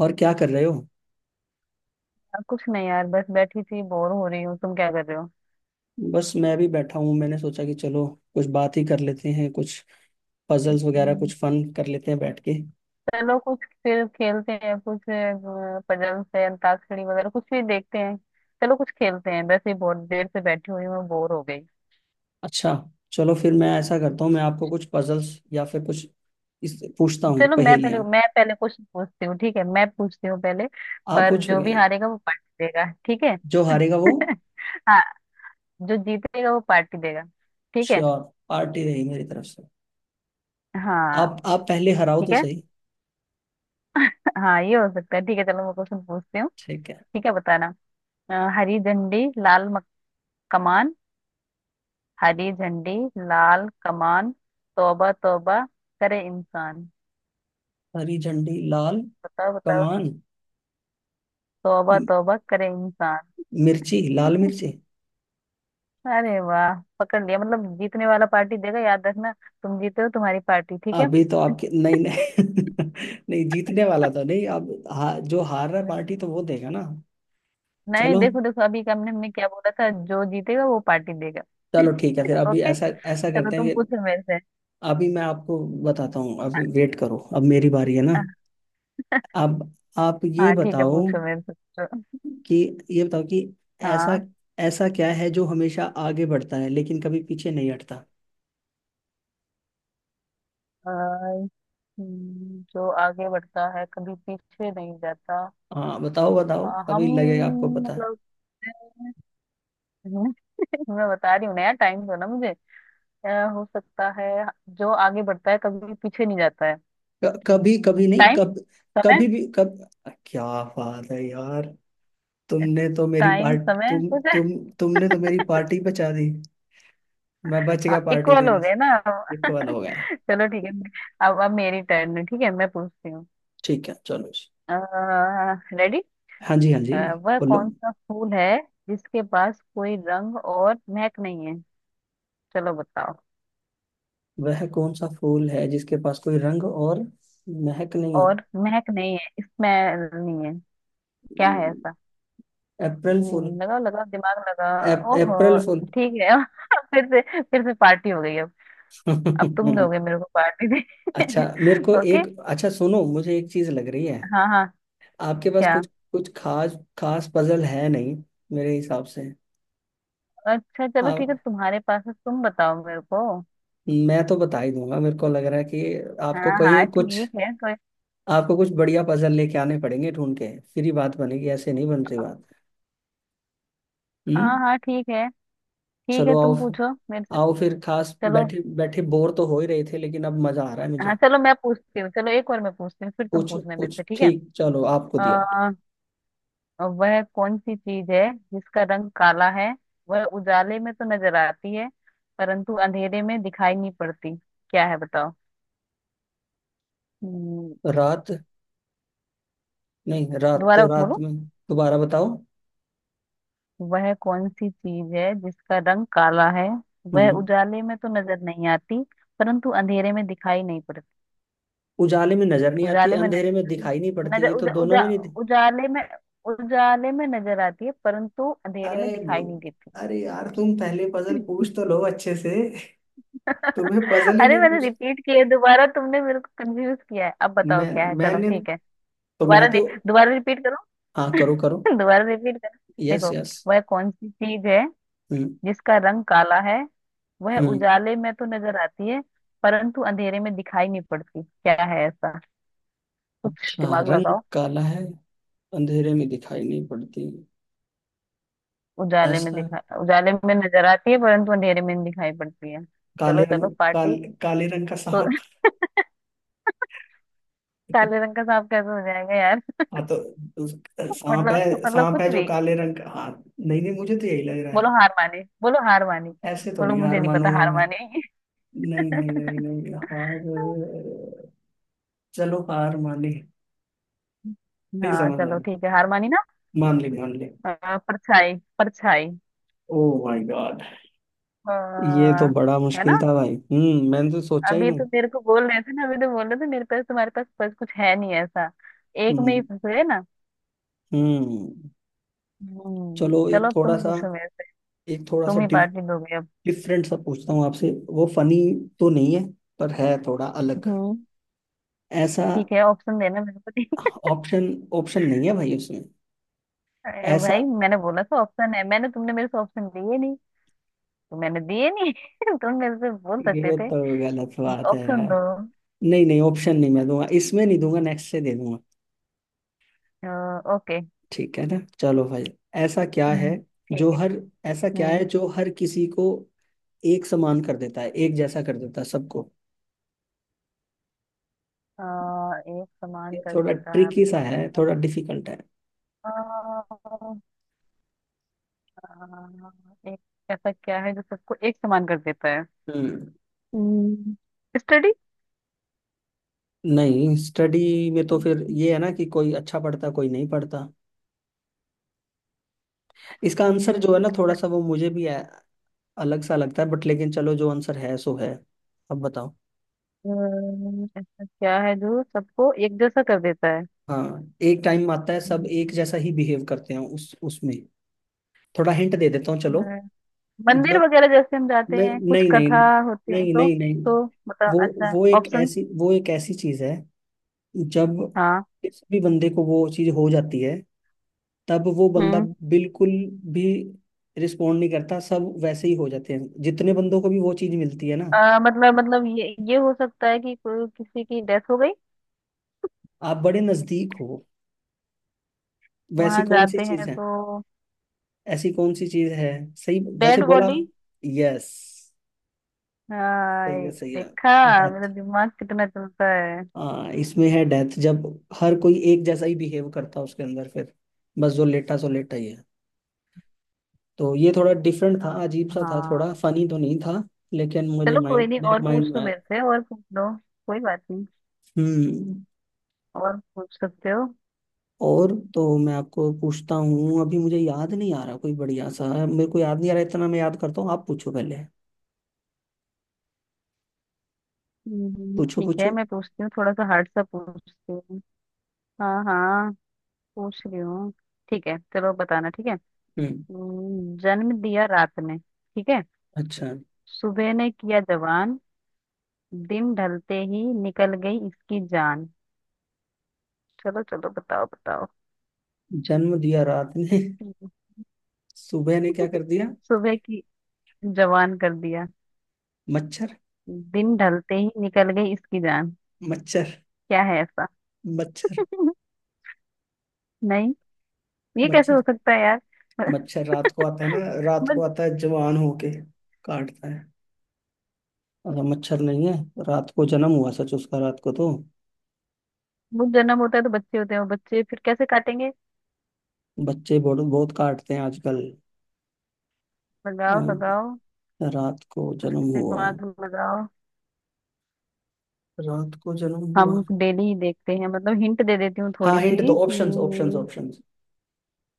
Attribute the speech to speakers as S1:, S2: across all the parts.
S1: और क्या कर रहे हो?
S2: अब कुछ नहीं यार, बस बैठी थी, बोर हो रही हूँ। तुम क्या कर रहे हो?
S1: बस मैं भी बैठा हूँ। मैंने सोचा कि चलो कुछ बात ही कर लेते हैं, कुछ पजल्स वगैरह
S2: हम्म,
S1: कुछ फन कर लेते हैं बैठ के।
S2: चलो कुछ फिर खेलते हैं, कुछ पजल्स है अंताक्षरी वगैरह, कुछ भी देखते हैं। चलो कुछ खेलते हैं, वैसे ही बहुत देर से बैठी हुई हूँ, बोर हो गई।
S1: अच्छा, चलो फिर मैं ऐसा
S2: हम्म,
S1: करता हूँ, मैं आपको कुछ पजल्स या फिर कुछ इस पूछता हूँ,
S2: चलो मैं पहले
S1: पहेलियाँ।
S2: मैं पहले क्वेश्चन पूछती हूँ। ठीक है, मैं पूछती हूँ पहले।
S1: आप
S2: पर जो
S1: पूछोगे,
S2: भी हारेगा वो पार्टी देगा, ठीक है?
S1: जो हारेगा वो।
S2: हाँ, जो जीतेगा वो पार्टी देगा। ठीक है।
S1: श्योर। पार्टी रही मेरी तरफ से।
S2: हाँ,
S1: आप पहले हराओ
S2: ठीक
S1: तो
S2: है।
S1: सही।
S2: हाँ, ये हो सकता है। ठीक है, चलो मैं क्वेश्चन पूछती हूँ।
S1: ठीक है।
S2: ठीक है, बताना। हरी झंडी लाल कमान, हरी झंडी लाल कमान, तौबा तौबा करे इंसान।
S1: हरी झंडी लाल
S2: बताओ बताओ।
S1: कमान।
S2: तौबा
S1: मि-
S2: तौबा करे इंसान।
S1: मिर्ची लाल मिर्ची।
S2: अरे वाह, पकड़ लिया। मतलब जीतने वाला पार्टी देगा, याद रखना। तुम जीते हो, तुम्हारी पार्टी, ठीक है।
S1: अभी तो आपके, नहीं नहीं। नहीं जीतने वाला तो नहीं, अब जो हार रहा है पार्टी तो वो देगा ना।
S2: नहीं,
S1: चलो।
S2: देखो देखो, अभी का हमने हमने क्या बोला था? जो जीतेगा वो पार्टी देगा।
S1: चलो ठीक है, फिर अभी
S2: ओके,
S1: ऐसा ऐसा
S2: चलो
S1: करते
S2: तुम
S1: हैं कि
S2: पूछो मेरे से।
S1: अभी मैं आपको बताता हूँ। अभी वेट करो, अब मेरी बारी है ना। अब आप ये
S2: हाँ ठीक है,
S1: बताओ
S2: पूछो मेरे से, पूछो।
S1: कि ये बताओ कि ऐसा
S2: हाँ।
S1: ऐसा क्या है जो हमेशा आगे बढ़ता है लेकिन कभी पीछे नहीं हटता?
S2: अ, जो आगे बढ़ता है कभी पीछे नहीं जाता।
S1: हाँ बताओ बताओ,
S2: हाँ, हम
S1: अभी लगेगा आपको पता।
S2: मतलब, मैं मैं बता रही हूँ ना यार, टाइम दो ना मुझे। अ, हो सकता है। जो आगे बढ़ता है कभी पीछे नहीं जाता है।
S1: कभी कभी नहीं,
S2: टाइम,
S1: कब
S2: समय।
S1: कभी भी, कब? क्या बात है यार! तुमने तो मेरी
S2: टाइम
S1: पार्टी
S2: समय
S1: तुम
S2: कुछ है।
S1: तुम तुमने तो मेरी पार्टी बचा दी। मैं बच
S2: हाँ,
S1: गया पार्टी
S2: इक्वल हो
S1: देने से।
S2: गए ना हम।
S1: एक सवाल हो गया।
S2: चलो ठीक है, अब मेरी टर्न है। ठीक है, मैं पूछती हूँ।
S1: ठीक है चलो जी।
S2: रेडी?
S1: हाँ जी, हाँ जी।
S2: वह
S1: बोलो।
S2: कौन सा फूल है जिसके पास कोई रंग और महक नहीं है? चलो बताओ।
S1: वह कौन सा फूल है जिसके पास कोई रंग और महक नहीं है?
S2: और महक नहीं है, स्मेल नहीं है। क्या है ऐसा?
S1: अप्रैल फूल।
S2: लगाओ लगाओ, दिमाग लगा। ओहो,
S1: अप्रैल फूल।
S2: ठीक है। फिर से पार्टी हो गई अब। अब तुम दोगे मेरे को, पार्टी दे।
S1: अच्छा, मेरे को
S2: ओके।
S1: एक सुनो, मुझे एक चीज लग रही है,
S2: हाँ हाँ।
S1: आपके पास
S2: क्या?
S1: कुछ कुछ खास खास पजल है नहीं मेरे हिसाब से।
S2: अच्छा चलो ठीक है,
S1: आप
S2: तुम्हारे पास है, तुम बताओ मेरे को।
S1: मैं तो बता ही दूंगा, मेरे को लग रहा है कि आपको
S2: हाँ
S1: कोई
S2: हाँ
S1: कुछ,
S2: ठीक है, कोई।
S1: आपको कुछ बढ़िया पजल लेके आने पड़ेंगे, ढूंढ के फिर ही बात बनेगी, ऐसे नहीं बन रही बात।
S2: हाँ
S1: हम्म।
S2: हाँ ठीक है। ठीक है,
S1: चलो आओ।
S2: तुम पूछो मेरे से।
S1: आओ फिर खास,
S2: चलो।
S1: बैठे बैठे बोर तो हो ही रहे थे लेकिन अब मजा आ रहा है
S2: हाँ
S1: मुझे।
S2: चलो, मैं पूछती हूँ। चलो एक और मैं पूछती हूँ, फिर तुम
S1: पूछो
S2: पूछना मेरे
S1: पूछ,
S2: से, ठीक है?
S1: ठीक चलो, आपको दिया।
S2: अ, और वह कौन सी चीज है जिसका रंग काला है? वह उजाले में तो नजर आती है परंतु अंधेरे में दिखाई नहीं पड़ती। क्या है बताओ? हम्म,
S1: रात। नहीं, रात तो
S2: दोबारा
S1: रात
S2: बोलो।
S1: में। दोबारा बताओ।
S2: वह कौन सी चीज है जिसका रंग काला है? वह
S1: हम्म।
S2: उजाले में तो नजर नहीं आती परंतु अंधेरे में दिखाई नहीं पड़ती।
S1: उजाले में नजर नहीं आती,
S2: उजाले में
S1: अंधेरे
S2: नजर
S1: में
S2: आती
S1: दिखाई नहीं पड़ती,
S2: नजर
S1: ये तो
S2: उजा,
S1: दोनों
S2: उजा,
S1: में नहीं थी।
S2: उजाले में उजाले में नजर आती है परंतु अंधेरे में
S1: अरे
S2: दिखाई नहीं
S1: ब-
S2: देती।
S1: अरे यार, तुम पहले पजल पूछ तो लो अच्छे से। तुम्हें पजल ही
S2: अरे
S1: नहीं
S2: मैंने
S1: पूछ,
S2: रिपीट किया है, दोबारा तुमने मेरे को कंफ्यूज किया है। अब
S1: मैं
S2: बताओ क्या है, चलो
S1: मैंने
S2: ठीक है।
S1: मैं
S2: दोबारा दे
S1: तो।
S2: दोबारा रिपीट करो।
S1: हाँ करो करो।
S2: दोबारा रिपीट करो।
S1: यस
S2: देखो,
S1: यस।
S2: वह कौन सी चीज है
S1: हम्म,
S2: जिसका रंग काला है? वह
S1: हम्म।
S2: उजाले में तो नजर आती है परंतु अंधेरे में दिखाई नहीं पड़ती। क्या है ऐसा? कुछ
S1: अच्छा,
S2: दिमाग
S1: रंग
S2: लगाओ।
S1: काला है, अंधेरे में दिखाई नहीं पड़ती। ऐसा
S2: उजाले में नजर आती है परंतु अंधेरे में नहीं दिखाई पड़ती है।
S1: काले
S2: चलो चलो,
S1: रंग काल,
S2: पार्टी।
S1: काले रंग का
S2: तो
S1: सांप।
S2: काले रंग का सांप कैसे हो जाएगा यार?
S1: हाँ तो उस- सांप
S2: मतलब
S1: है,
S2: मतलब
S1: सांप है
S2: कुछ
S1: जो
S2: भी।
S1: काले रंग का, हाँ। नहीं नहीं, मुझे तो यही लग रहा है।
S2: बोलो हार मानी।
S1: ऐसे तो
S2: बोलो
S1: नहीं
S2: मुझे
S1: हार
S2: नहीं पता,
S1: मानूंगा
S2: हार
S1: मैं।
S2: मानेगी?
S1: नहीं नहीं नहीं नहीं हार। चलो हार मान ली, नहीं
S2: हाँ
S1: समझ आया।
S2: चलो ठीक है, हार मानी ना।
S1: मान ली, मान ली।
S2: परछाई, परछाई।
S1: Oh my God!
S2: अ,
S1: ये तो बड़ा
S2: है ना,
S1: मुश्किल था भाई, मैंने तो सोचा ही
S2: अभी तो
S1: नहीं।
S2: मेरे को बोल रहे थे ना, अभी तो बोल रहे थे मेरे पास तुम्हारे पास बस कुछ है नहीं ऐसा। एक में ही
S1: हम्म,
S2: फंसे ना।
S1: हम्म।
S2: हम्म
S1: चलो एक
S2: चलो, अब
S1: थोड़ा
S2: तुम
S1: सा,
S2: पूछो मेरे से,
S1: एक थोड़ा सा
S2: तुम ही पार्टी दोगे अब।
S1: डिफरेंट सा पूछता हूँ आपसे, वो फनी तो नहीं है, पर है थोड़ा अलग।
S2: हम्म
S1: ऐसा।
S2: ठीक है, ऑप्शन देना मेरे को, ठीक
S1: ऑप्शन ऑप्शन नहीं है भाई उसमें,
S2: है? अरे
S1: ऐसा।
S2: भाई मैंने बोला था ऑप्शन है। मैंने तुमने मेरे से ऑप्शन दिए नहीं तो मैंने दिए नहीं। तुम मेरे से बोल सकते
S1: ये
S2: थे,
S1: तो गलत
S2: ये
S1: बात है
S2: ऑप्शन
S1: यार।
S2: दो।
S1: नहीं नहीं, ऑप्शन नहीं मैं दूंगा इसमें, नहीं दूंगा, नेक्स्ट से दे दूंगा।
S2: ओके।
S1: ठीक है ना, चलो भाई। ऐसा क्या है
S2: हम्म ठीक
S1: जो
S2: है।
S1: हर ऐसा क्या
S2: हम्म
S1: है जो हर किसी को एक समान कर देता है, एक जैसा कर देता है सबको?
S2: अ, एक समान
S1: ये
S2: कर
S1: थोड़ा
S2: देता है
S1: ट्रिकी सा
S2: मतलब
S1: है,
S2: ऐसा?
S1: थोड़ा डिफिकल्ट
S2: अ, एक ऐसा क्या है जो सबको एक समान कर देता है?
S1: है।
S2: हम्म, स्टडी।
S1: नहीं, स्टडी में तो फिर ये है ना कि कोई अच्छा पढ़ता, कोई नहीं पढ़ता। इसका आंसर जो है ना, थोड़ा
S2: ऐसा
S1: सा वो मुझे भी अलग सा लगता है, बट लेकिन चलो, जो आंसर है सो है। अब बताओ।
S2: ऐसा क्या है जो सबको एक जैसा कर देता है?
S1: हाँ, एक टाइम आता है सब एक
S2: हम्म।
S1: जैसा ही बिहेव करते हैं उस उसमें। थोड़ा हिंट दे देता हूँ, चलो।
S2: अ, मंदिर
S1: जब,
S2: वगैरह जैसे हम जाते
S1: नहीं
S2: हैं, कुछ
S1: नहीं नहीं
S2: कथा
S1: नहीं
S2: होती है
S1: नहीं
S2: तो
S1: नहीं नहीं।
S2: तो बता
S1: वो
S2: अच्छा ऑप्शन।
S1: वो एक ऐसी चीज है जब किसी भी बंदे को वो चीज हो जाती है, तब वो बंदा
S2: हाँ।
S1: बिल्कुल भी रिस्पोंड नहीं करता, सब वैसे ही हो जाते हैं, जितने बंदों को भी वो चीज मिलती है ना।
S2: मतलब ये हो सकता है कि कोई किसी की डेथ हो गई,
S1: आप बड़े नजदीक हो। वैसी
S2: वहां
S1: कौन सी
S2: जाते
S1: चीज
S2: हैं
S1: है?
S2: तो।
S1: ऐसी कौन सी चीज है? सही वैसे
S2: डेड
S1: बोला।
S2: बॉडी।
S1: यस। सही है, सही है।
S2: देखा मेरा
S1: डेथ।
S2: दिमाग कितना चलता है।
S1: हाँ इसमें है डेथ, जब हर कोई एक जैसा ही बिहेव करता है उसके अंदर, फिर बस जो लेटा सो लेटा ही है। तो ये थोड़ा डिफरेंट था, अजीब सा था, थोड़ा
S2: हाँ।
S1: फनी तो नहीं था, लेकिन
S2: चलो कोई नहीं,
S1: मेरे
S2: और
S1: माइंड
S2: पूछ
S1: में
S2: लो
S1: आया।
S2: मेरे से, और पूछ लो, कोई बात नहीं,
S1: हम्म।
S2: और पूछ सकते हो।
S1: और तो मैं आपको पूछता हूँ, अभी मुझे याद नहीं आ रहा कोई बढ़िया सा, मेरे को याद नहीं आ रहा इतना, मैं याद करता हूँ, आप पूछो पहले। पूछो
S2: ठीक है,
S1: पूछो।
S2: मैं पूछती हूँ, थोड़ा सा हार्ड सा पूछती हूँ। हाँ हाँ, पूछ रही हूँ। ठीक है, चलो बताना, ठीक है।
S1: हम्म।
S2: जन्म दिया रात ने, ठीक है?
S1: अच्छा।
S2: सुबह ने किया जवान, दिन ढलते ही निकल गई इसकी जान। चलो चलो बताओ बताओ।
S1: जन्म दिया रात ने, सुबह ने क्या कर दिया?
S2: सुबह की, जवान कर दिया,
S1: मच्छर।
S2: दिन ढलते ही निकल गई इसकी जान।
S1: मच्छर।
S2: क्या है ऐसा?
S1: मच्छर।
S2: नहीं, ये कैसे
S1: मच्छर।
S2: हो सकता है यार?
S1: मच्छर रात को आता है ना, रात को
S2: बस।
S1: आता है जवान होके, काटता है। अच्छा, मच्छर नहीं है? रात को जन्म हुआ सच उसका, रात को तो
S2: वो जन्म होता है तो बच्चे होते हैं, वो बच्चे फिर कैसे काटेंगे?
S1: बच्चे बहुत बहुत काटते हैं आजकल। अ,
S2: लगाओ लगाओ,
S1: रात को
S2: कुछ
S1: जन्म हुआ।
S2: दिमाग लगाओ।
S1: रात को जन्म हुआ।
S2: हम डेली ही देखते हैं मतलब, हिंट दे देती हूँ
S1: हाँ
S2: थोड़ी
S1: हिंट दो,
S2: सी कि।
S1: Options options options.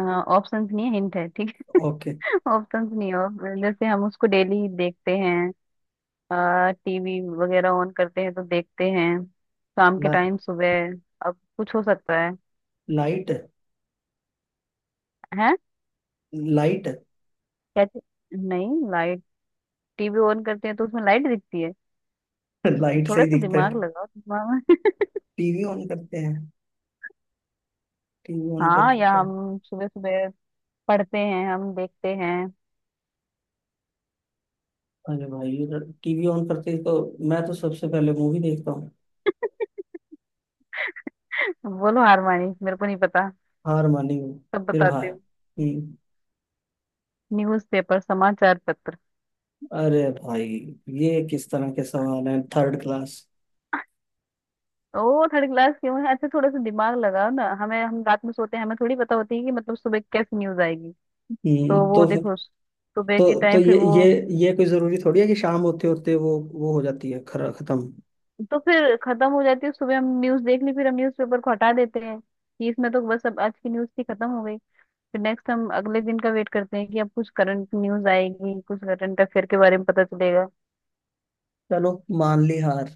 S2: ऑप्शंस नहीं है, हिंट है ठीक
S1: ओके।
S2: है। ऑप्शंस नहीं है, और जैसे हम उसको डेली देखते हैं। टीवी वगैरह ऑन करते हैं तो देखते हैं, शाम के
S1: ला,
S2: टाइम सुबह, अब कुछ हो सकता है?
S1: लाइट।
S2: हैं?
S1: लाइट।
S2: क्या चीज़? नहीं, लाइट। टीवी ऑन करते हैं तो उसमें लाइट दिखती है।
S1: लाइट से
S2: थोड़ा
S1: ही
S2: सा
S1: दिखता है।
S2: दिमाग लगाओ, दिमाग में।
S1: टीवी ऑन करते हैं? टीवी ऑन
S2: हाँ,
S1: करके
S2: या
S1: क्या?
S2: हम सुबह सुबह पढ़ते हैं, हम देखते हैं।
S1: अरे भाई, टीवी ऑन करते ही तो मैं तो सबसे पहले मूवी देखता हूँ।
S2: बोलो हार मानी, मेरे को नहीं पता,
S1: हार मानी हूँ।
S2: सब
S1: फिर भाई।
S2: बताते हो।
S1: हम्म।
S2: न्यूज पेपर, समाचार पत्र।
S1: अरे भाई, ये किस तरह के सवाल हैं, थर्ड क्लास।
S2: ओ थर्ड क्लास क्यों है? अच्छा थोड़ा सा दिमाग लगाओ ना, हमें, हम रात में सोते हैं, हमें थोड़ी पता होती है कि मतलब सुबह कैसी न्यूज आएगी। तो वो
S1: तो
S2: देखो सुबह के
S1: तो तो
S2: टाइम, फिर
S1: ये
S2: वो
S1: ये ये कोई जरूरी थोड़ी है कि शाम होते होते वो हो जाती है खर खत्म।
S2: तो फिर खत्म हो जाती है। सुबह हम न्यूज देख ली, फिर हम न्यूज पेपर को हटा देते हैं कि इसमें तो बस, अब आज की न्यूज थी, खत्म हो गई। फिर नेक्स्ट हम अगले दिन का वेट करते हैं कि अब कुछ करंट न्यूज आएगी, कुछ करंट अफेयर के बारे में पता चलेगा।
S1: चलो मान ली हार।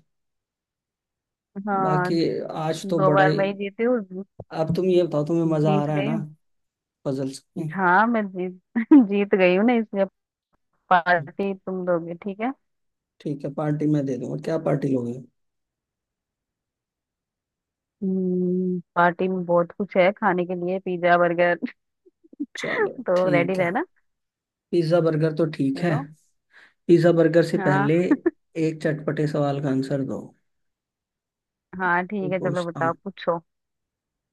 S2: हाँ,
S1: बाकी, आज तो
S2: दो
S1: बड़ा
S2: बार
S1: ही।
S2: मैं ही जीती हूँ,
S1: अब तुम ये बताओ, तुम्हें मजा आ
S2: जीत
S1: रहा है
S2: गई
S1: ना
S2: हूँ।
S1: पजल्स में?
S2: हाँ मैं जीत जीत गई हूँ ना, इसलिए पार्टी तुम दोगे, ठीक है?
S1: ठीक है, पार्टी मैं दे दूंगा, क्या पार्टी लोगे?
S2: पार्टी में बहुत कुछ है खाने के लिए, पिज्जा बर्गर।
S1: चलो
S2: तो रेडी
S1: ठीक है।
S2: रहना।
S1: पिज्जा बर्गर तो ठीक है।
S2: चलो।
S1: पिज्जा बर्गर से
S2: हाँ
S1: पहले एक चटपटे सवाल का आंसर दो।
S2: हाँ
S1: ये
S2: ठीक है, चलो
S1: पूछता
S2: बताओ
S1: हूँ,
S2: पूछो।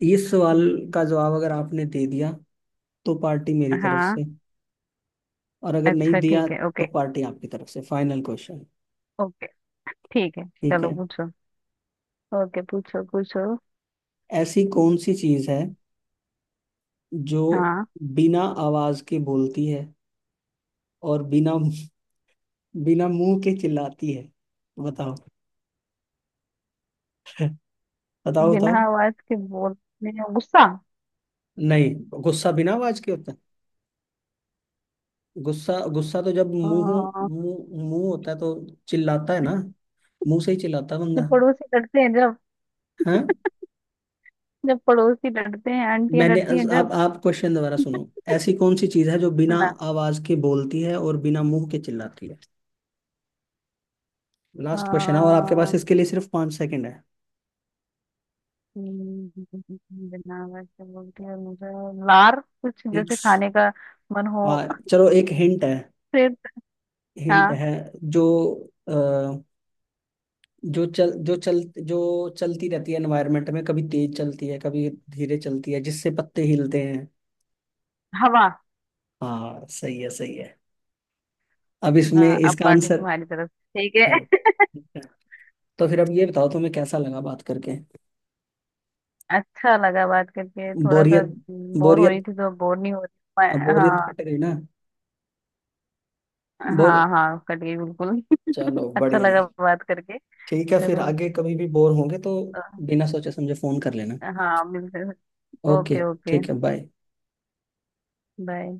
S1: इस सवाल
S2: हम्म,
S1: का जवाब अगर आपने दे दिया तो पार्टी मेरी तरफ
S2: हाँ,
S1: से, और अगर नहीं
S2: अच्छा
S1: दिया
S2: ठीक है,
S1: तो
S2: ओके
S1: पार्टी आपकी तरफ से। Final question.
S2: ओके। ठीक है,
S1: ठीक
S2: चलो
S1: है।
S2: पूछो। ओके पूछो पूछो।
S1: ऐसी कौन सी चीज है जो
S2: हाँ।
S1: बिना आवाज के बोलती है और बिना बिना मुंह के चिल्लाती है? बताओ। बताओ
S2: बिना
S1: बताओ।
S2: आवाज के बोलने, गुस्सा?
S1: नहीं। गुस्सा बिना आवाज के होता है? गुस्सा गुस्सा तो जब मुंह
S2: हाँ,
S1: मुंह मुंह होता है तो चिल्लाता है ना, मुंह से ही चिल्लाता है
S2: जब
S1: बंदा।
S2: पड़ोसी लड़ते हैं, जब
S1: हाँ।
S2: जब पड़ोसी लड़ते हैं, आंटियां
S1: मैंने
S2: लड़ती हैं,
S1: आप
S2: जब।
S1: आप क्वेश्चन दोबारा सुनो। ऐसी कौन सी चीज है जो बिना
S2: सुना।
S1: आवाज के बोलती है और बिना मुंह के चिल्लाती है? लास्ट क्वेश्चन है और आपके पास
S2: हाँ,
S1: इसके लिए सिर्फ 5 सेकंड है।
S2: हम्म, बिना आवाज के बोलती है, मुझे लार, कुछ जैसे
S1: सिक्स।
S2: खाने का मन हो,
S1: आ, चलो एक हिंट है।
S2: सिर।
S1: हिंट
S2: हाँ,
S1: है जो, अ, जो चल जो चल जो चलती रहती है एनवायरनमेंट में, कभी तेज चलती है कभी धीरे चलती है, जिससे पत्ते हिलते हैं।
S2: हवा।
S1: हाँ सही है, सही है। अब इसमें
S2: हाँ अब
S1: इसका
S2: पार्टी
S1: आंसर।
S2: तुम्हारी तरफ से, ठीक
S1: अच्छा
S2: है।
S1: ठीक है। तो फिर अब ये बताओ, तुम्हें कैसा लगा बात करके?
S2: अच्छा लगा बात करके, थोड़ा सा
S1: बोरियत।
S2: बोर हो
S1: बोरियत
S2: रही थी तो बोर नहीं हो रही
S1: अब, बोरियत
S2: हाँ।
S1: कट गई ना? बोर।
S2: हाँ हाँ, कट गई बिल्कुल।
S1: चलो
S2: अच्छा
S1: बढ़िया
S2: लगा
S1: है।
S2: बात करके।
S1: ठीक है फिर
S2: चलो।
S1: आगे कभी भी बोर होंगे तो
S2: अ,
S1: बिना सोचे समझे फोन कर लेना।
S2: हाँ, मिलते हैं।
S1: ओके।
S2: Okay okay.
S1: ठीक है बाय।
S2: बाय।